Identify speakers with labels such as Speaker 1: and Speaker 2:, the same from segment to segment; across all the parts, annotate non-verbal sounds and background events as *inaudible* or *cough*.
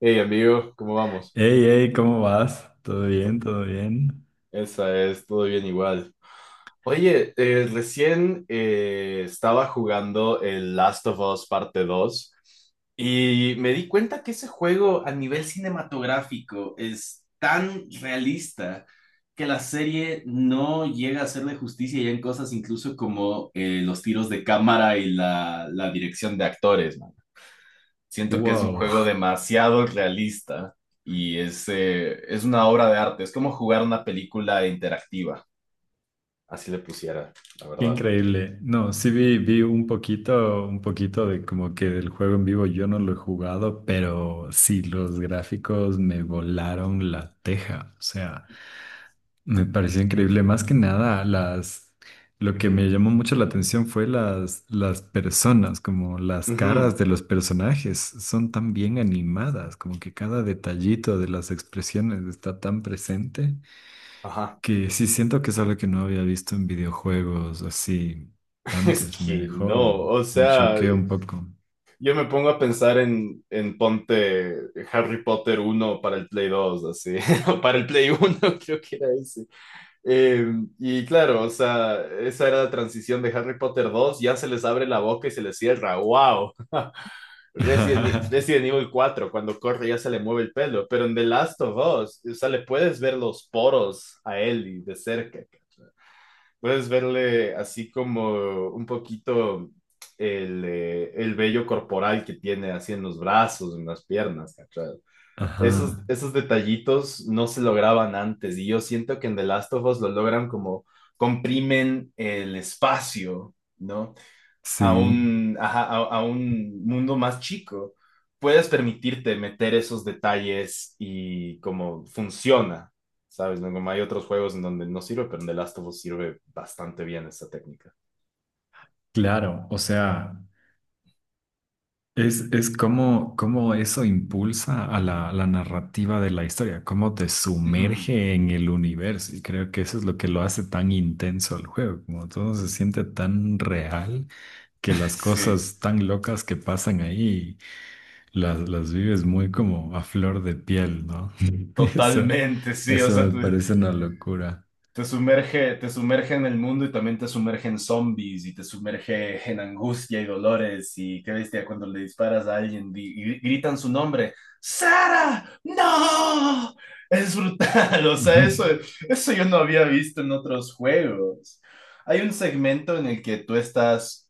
Speaker 1: Hey amigo, ¿cómo vamos?
Speaker 2: Hey, hey, ¿cómo vas? ¿Todo bien?
Speaker 1: To-
Speaker 2: ¿Todo bien?
Speaker 1: Esa es, todo bien igual. Oye, recién estaba jugando el Last of Us parte Dos y me di cuenta que ese juego a nivel cinematográfico es tan realista que la serie no llega a hacerle justicia ya en cosas incluso como los tiros de cámara y la dirección de actores, ¿no? Siento que es un juego
Speaker 2: Wow,
Speaker 1: demasiado realista y es una obra de arte. Es como jugar una película interactiva. Así le pusiera, la
Speaker 2: *laughs* qué
Speaker 1: verdad.
Speaker 2: increíble. No, sí vi, vi un poquito de como que del juego en vivo yo no lo he jugado, pero sí, los gráficos me volaron la teja. O sea, me pareció increíble. Más que nada, lo que me llamó mucho la atención fue las personas, como las caras
Speaker 1: Ujú.
Speaker 2: de los personajes son tan bien animadas, como que cada detallito de las expresiones está tan presente.
Speaker 1: Ajá.
Speaker 2: Que sí siento que es algo que no había visto en videojuegos así
Speaker 1: *laughs* Es
Speaker 2: antes.
Speaker 1: que no, o
Speaker 2: Me
Speaker 1: sea,
Speaker 2: choqueó un poco.
Speaker 1: yo me pongo a pensar en ponte Harry Potter uno para el Play 2 así, *laughs* o para el Play uno *laughs* creo que era ese. Eh, y claro, o sea, esa era la transición de Harry Potter dos ya se les abre la boca y se les cierra, wow.
Speaker 2: *laughs*
Speaker 1: Resident Evil cuatro cuando corre ya se le mueve el pelo, pero en The Last of Us, o sea, le puedes ver los poros a Ellie de cerca, ¿cachai? Puedes verle así como un poquito el vello corporal que tiene así en los brazos, en las piernas, ¿cachai? Esos,
Speaker 2: Ajá,
Speaker 1: esos detallitos no se lograban antes y yo siento que en The Last of Us lo logran como comprimen el espacio, ¿no?
Speaker 2: sí,
Speaker 1: Ajá, a un mundo más chico, puedes permitirte meter esos detalles y cómo funciona, ¿sabes? ¿No? Como hay otros juegos en donde no sirve, pero en The Last of Us sirve bastante bien esta técnica.
Speaker 2: claro. O sea, es como, como eso impulsa a la narrativa de la historia, cómo te
Speaker 1: Ujú.
Speaker 2: sumerge en el universo. Y creo que eso es lo que lo hace tan intenso el juego, como todo se siente tan real que las
Speaker 1: Sí,
Speaker 2: cosas tan locas que pasan ahí. Las vives muy como a flor de piel, ¿no? *laughs* Eso,
Speaker 1: totalmente, sí. O
Speaker 2: eso
Speaker 1: sea,
Speaker 2: me parece una locura.
Speaker 1: te sumerge, te sumerge en el mundo y también te sumerge en zombies y te sumerge en angustia y dolores, y qué bestia cuando le disparas a alguien y, gritan su nombre. ¡Sara! ¡No! Es brutal, *laughs* o sea,
Speaker 2: Ujú.
Speaker 1: eso yo no había visto en otros juegos. Hay un segmento en el que tú estás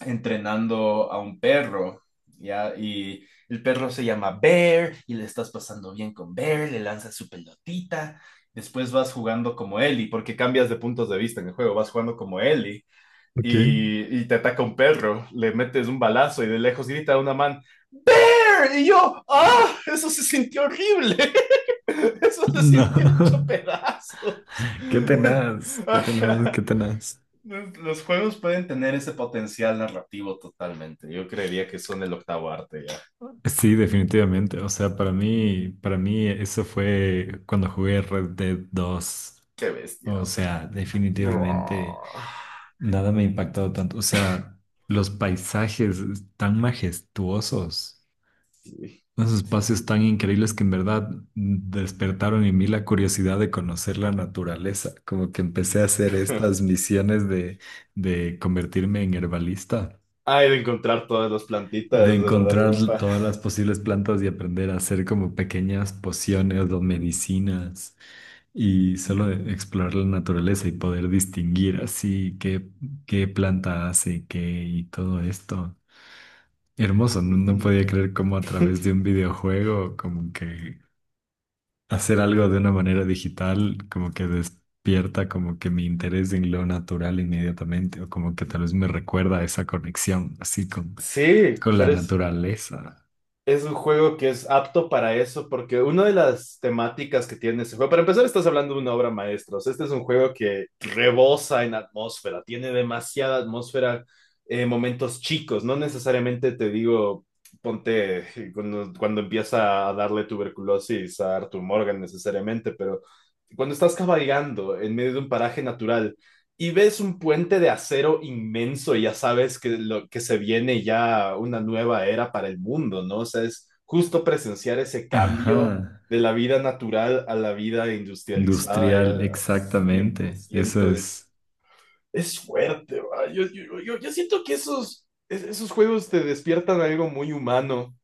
Speaker 1: entrenando a un perro, ¿ya? Y el perro se llama Bear y le estás pasando bien con Bear, le lanzas su pelotita, después vas jugando como Ellie, porque cambias de puntos de vista en el juego, vas jugando como Ellie
Speaker 2: Ok.
Speaker 1: y te ataca un perro, le metes un balazo y de lejos grita a una man, Bear, y yo, ¡ah! Eso se sintió horrible. *laughs* Eso se
Speaker 2: No,
Speaker 1: sintió hecho
Speaker 2: *laughs*
Speaker 1: pedazos.
Speaker 2: qué
Speaker 1: *laughs*
Speaker 2: tenaz, qué tenaz,
Speaker 1: Ajá.
Speaker 2: qué tenaz.
Speaker 1: Los juegos pueden tener ese potencial narrativo totalmente. Yo creería que son el octavo arte ya.
Speaker 2: Sí, definitivamente. O sea, para mí eso fue cuando jugué Red Dead 2.
Speaker 1: Qué bestia.
Speaker 2: O sea, definitivamente
Speaker 1: Buah.
Speaker 2: nada me ha impactado tanto. O sea, los paisajes tan majestuosos.
Speaker 1: Sí,
Speaker 2: Unos
Speaker 1: sí,
Speaker 2: espacios
Speaker 1: sí.
Speaker 2: tan increíbles que en verdad despertaron en mí la curiosidad de conocer la naturaleza. Como que empecé a hacer estas
Speaker 1: *laughs*
Speaker 2: misiones de convertirme en herbalista,
Speaker 1: Hay de encontrar todas las plantitas
Speaker 2: de
Speaker 1: de lo largo
Speaker 2: encontrar
Speaker 1: del mapa.
Speaker 2: todas las posibles plantas y aprender a hacer como pequeñas pociones o medicinas y solo de explorar la naturaleza y poder distinguir así qué planta hace qué y todo esto. Hermoso, no, no podía
Speaker 1: *laughs*
Speaker 2: creer cómo a través de un videojuego, como que hacer algo de una manera digital, como que despierta como que mi interés en lo natural inmediatamente, o como que tal vez me recuerda a esa conexión, así
Speaker 1: Sí,
Speaker 2: con la
Speaker 1: pero
Speaker 2: naturaleza.
Speaker 1: es un juego que es apto para eso, porque una de las temáticas que tiene ese juego, para empezar, estás hablando de una obra maestra. O sea, este es un juego que rebosa en atmósfera, tiene demasiada atmósfera, momentos chicos. No necesariamente te digo, ponte cuando empieza a darle tuberculosis a Arthur Morgan, necesariamente, pero cuando estás cabalgando en medio de un paraje natural y ves un puente de acero inmenso y ya sabes que lo que se viene ya una nueva era para el mundo, ¿no? O sea, es justo presenciar ese cambio
Speaker 2: Ajá,
Speaker 1: de la vida natural a la vida industrializada ya,
Speaker 2: industrial,
Speaker 1: cien por
Speaker 2: exactamente. Eso
Speaker 1: ciento es,
Speaker 2: es.
Speaker 1: fuerte, ¿va? Yo siento que esos juegos te despiertan algo muy humano,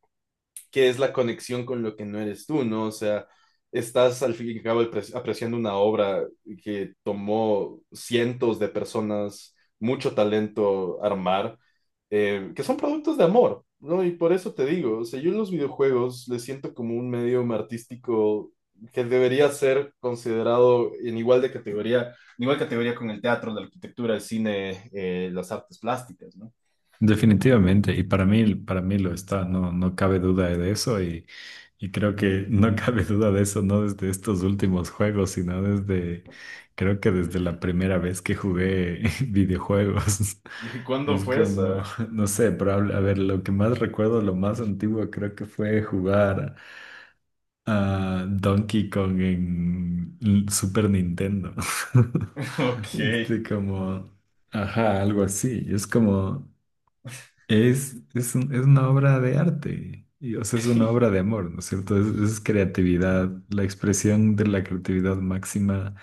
Speaker 1: que es la conexión con lo que no eres tú, ¿no? O sea, estás al fin y al cabo apreciando una obra que tomó cientos de personas, mucho talento armar, que son productos de amor, ¿no? Y por eso te digo, o sea, yo en los videojuegos les siento como un medio artístico, que debería ser considerado en igual de categoría, en igual categoría con el teatro, la arquitectura, el cine, las artes plásticas, ¿no?
Speaker 2: Definitivamente, y para mí lo está, no, no cabe duda de eso, y creo que no *laughs* cabe duda de eso, no desde estos últimos juegos, sino desde, creo que desde la primera vez que jugué *laughs* videojuegos.
Speaker 1: ¿Y cuándo
Speaker 2: Es
Speaker 1: fue
Speaker 2: como,
Speaker 1: esa?
Speaker 2: *laughs* no sé, probable, a ver, lo que más recuerdo, lo más antiguo creo que fue jugar a Donkey Kong en l- Super Nintendo. *laughs*
Speaker 1: *laughs* Ok.
Speaker 2: Este como, ajá, algo así, es como... un- es una obra de arte, y, o sea, es una obra
Speaker 1: *laughs*
Speaker 2: de amor, ¿no es cierto? Es creatividad, la expresión de la creatividad máxima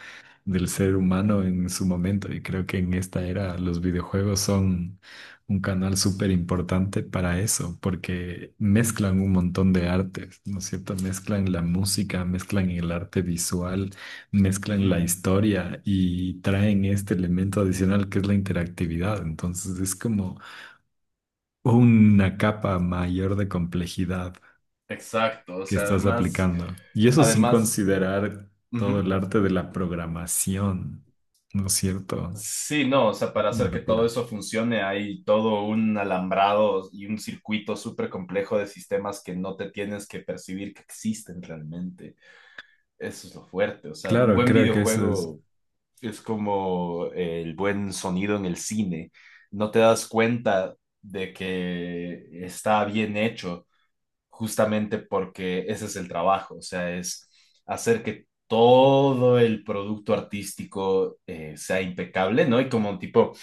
Speaker 2: del ser humano en su momento. Y creo que en esta era los videojuegos son un canal súper importante para eso, porque mezclan un montón de artes, ¿no es cierto? Mezclan la música, mezclan el arte visual, mezclan la
Speaker 1: Ujú.
Speaker 2: historia y traen este elemento adicional que es la interactividad. Entonces es como una capa mayor de complejidad
Speaker 1: Exacto, o
Speaker 2: que
Speaker 1: sea,
Speaker 2: estás aplicando. Y eso sin
Speaker 1: además.
Speaker 2: considerar todo
Speaker 1: Ujú.
Speaker 2: el arte de la programación, ¿no es cierto?
Speaker 1: Sí, no, o sea, para
Speaker 2: Una
Speaker 1: hacer que todo
Speaker 2: locura.
Speaker 1: eso funcione hay todo un alambrado y un circuito súper complejo de sistemas que no te tienes que percibir que existen realmente. Eso es lo fuerte, o sea, un
Speaker 2: Claro,
Speaker 1: buen
Speaker 2: creo que eso es
Speaker 1: videojuego es como el buen sonido en el cine. No te das cuenta de que está bien hecho justamente porque ese es el trabajo, o sea, es hacer que todo el producto artístico sea impecable, ¿no? Y como tipo,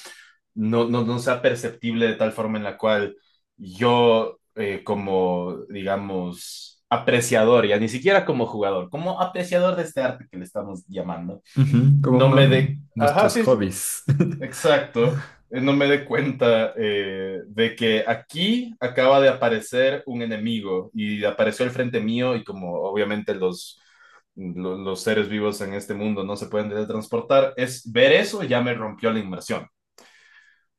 Speaker 1: no, no, no sea perceptible de tal forma en la cual yo, como, digamos, apreciador, ya ni siquiera como jugador, como apreciador de este arte que le estamos llamando,
Speaker 2: ujú, como
Speaker 1: no me
Speaker 2: uno,
Speaker 1: dé. Ajá,
Speaker 2: nuestros
Speaker 1: sí, sí.
Speaker 2: hobbies. *laughs*
Speaker 1: Exacto, no me dé cuenta de que aquí acaba de aparecer un enemigo y apareció al frente mío y como obviamente los seres vivos en este mundo no se pueden teletransportar, es ver eso y ya me rompió la inmersión.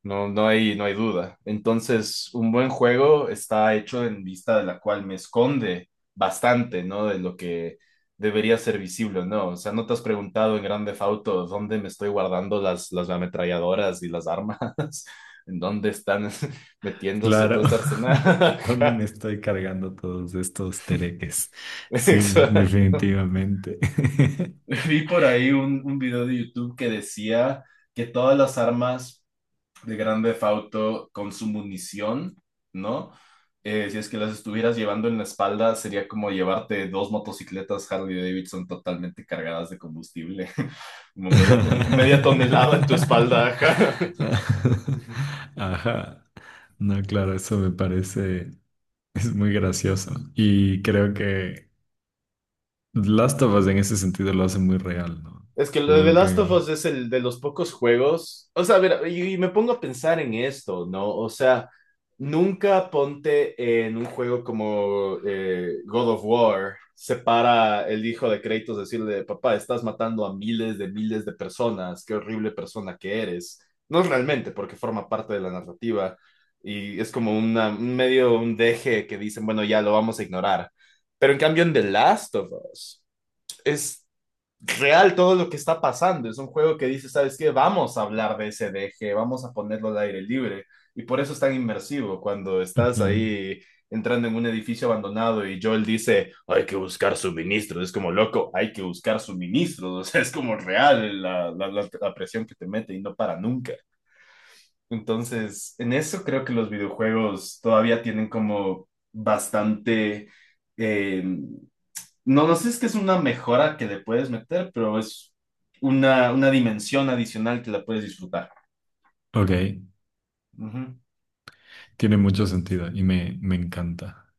Speaker 1: No, no hay duda. Entonces, un buen juego está hecho en vista de la cual me esconde bastante, ¿no? De lo que debería ser visible, ¿no? O sea, ¿no te has preguntado en Grand Theft Auto dónde me estoy guardando las ametralladoras y las armas? *laughs* ¿En dónde están *laughs* metiéndose
Speaker 2: Claro.
Speaker 1: todo este arsenal?
Speaker 2: *laughs* ¿Dónde me estoy cargando todos estos tereques?
Speaker 1: *laughs*
Speaker 2: Sí,
Speaker 1: Exacto.
Speaker 2: definitivamente. *laughs*
Speaker 1: Vi por ahí un video de YouTube que decía que todas las armas de Grande Auto con su munición, ¿no? Si es que las estuvieras llevando en la espalda, sería como llevarte dos motocicletas Harley Davidson totalmente cargadas de combustible, *laughs* como media tonelada en tu espalda. *laughs* Ajá.
Speaker 2: *laughs* Ajá. No, claro, eso me parece, es muy gracioso. Y creo que Last of Us en ese sentido lo hace muy real, ¿no?
Speaker 1: Es que lo de The
Speaker 2: Como
Speaker 1: Last of
Speaker 2: que...
Speaker 1: Us es el de los pocos juegos. O sea, a ver, y me pongo a pensar en esto, ¿no? O sea, nunca ponte en un juego como God of War, se para el hijo de Kratos decirle, papá, estás matando a miles de personas, qué horrible persona que eres. No realmente, porque forma parte de la narrativa y es como un medio, un deje que dicen, bueno, ya lo vamos a ignorar. Pero en cambio en The Last of Us es real todo lo que está pasando. Es un juego que dice, ¿sabes qué? Vamos a hablar de ese D G, vamos a ponerlo al aire libre. Y por eso es tan inmersivo cuando estás
Speaker 2: Ujú.
Speaker 1: ahí entrando en un edificio abandonado y Joel dice, hay que buscar suministros. Es como, loco, hay que buscar suministros. *laughs* O sea, es como real la presión que te mete y no para nunca. Entonces, en eso creo que los videojuegos todavía tienen como bastante. Eh, no, no sé si es que es una mejora que le puedes meter, pero es una dimensión adicional que la puedes disfrutar.
Speaker 2: Ok,
Speaker 1: Ujú.
Speaker 2: tiene mucho sentido y me encanta.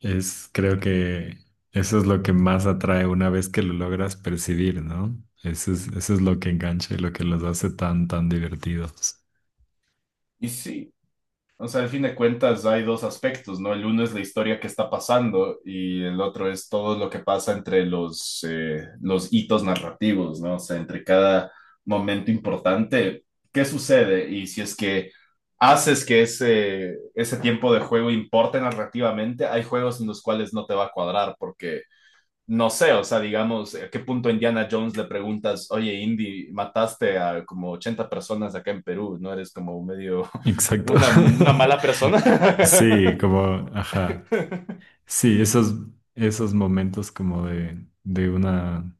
Speaker 2: Es, creo que eso es lo que más atrae una vez que lo logras percibir, ¿no? Eso es lo que engancha y lo que los hace tan divertidos.
Speaker 1: Y sí, o sea, al fin de cuentas hay dos aspectos, ¿no? El uno es la historia que está pasando y el otro es todo lo que pasa entre los hitos narrativos, ¿no? O sea, entre cada momento importante, ¿qué sucede? Y si es que haces que ese tiempo de juego importe narrativamente, hay juegos en los cuales no te va a cuadrar porque no sé, o sea, digamos, ¿a qué punto Indiana Jones le preguntas, oye, Indy, mataste a como 80 personas acá en Perú, ¿no eres como medio *laughs*
Speaker 2: Exacto. *laughs*
Speaker 1: una mala persona?
Speaker 2: Sí, como, ajá.
Speaker 1: *laughs*
Speaker 2: Sí, esos, esos momentos como de una,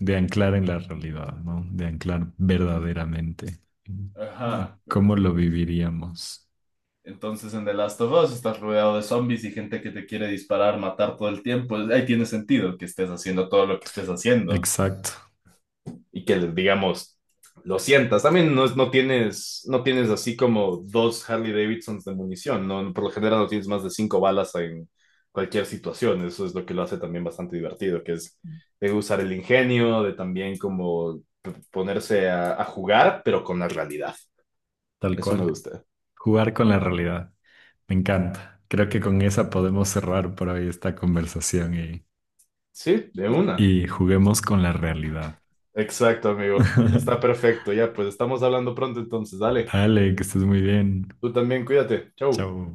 Speaker 2: de anclar en la realidad, ¿no? De anclar verdaderamente.
Speaker 1: Ajá.
Speaker 2: ¿Cómo lo viviríamos?
Speaker 1: Entonces en The Last of Us estás rodeado de zombies y gente que te quiere disparar, matar todo el tiempo. Ahí tiene sentido que estés haciendo todo lo que estés haciendo.
Speaker 2: Exacto,
Speaker 1: Y que, digamos, lo sientas. También no, no tienes, así como dos Harley Davidsons de munición, ¿no? Por lo general no tienes más de cinco balas en cualquier situación. Eso es lo que lo hace también bastante divertido, que es de usar el ingenio, de también como ponerse a jugar, pero con la realidad.
Speaker 2: tal
Speaker 1: Eso me
Speaker 2: cual.
Speaker 1: gusta.
Speaker 2: Jugar con la realidad. Me encanta. Creo que con esa podemos cerrar por hoy esta conversación
Speaker 1: Sí, de una.
Speaker 2: y juguemos con la realidad.
Speaker 1: Exacto, amigo. Está
Speaker 2: *laughs*
Speaker 1: perfecto. Ya, pues estamos hablando pronto entonces. Dale,
Speaker 2: Dale, que estés muy bien.
Speaker 1: tú también cuídate. Chau.
Speaker 2: Chao.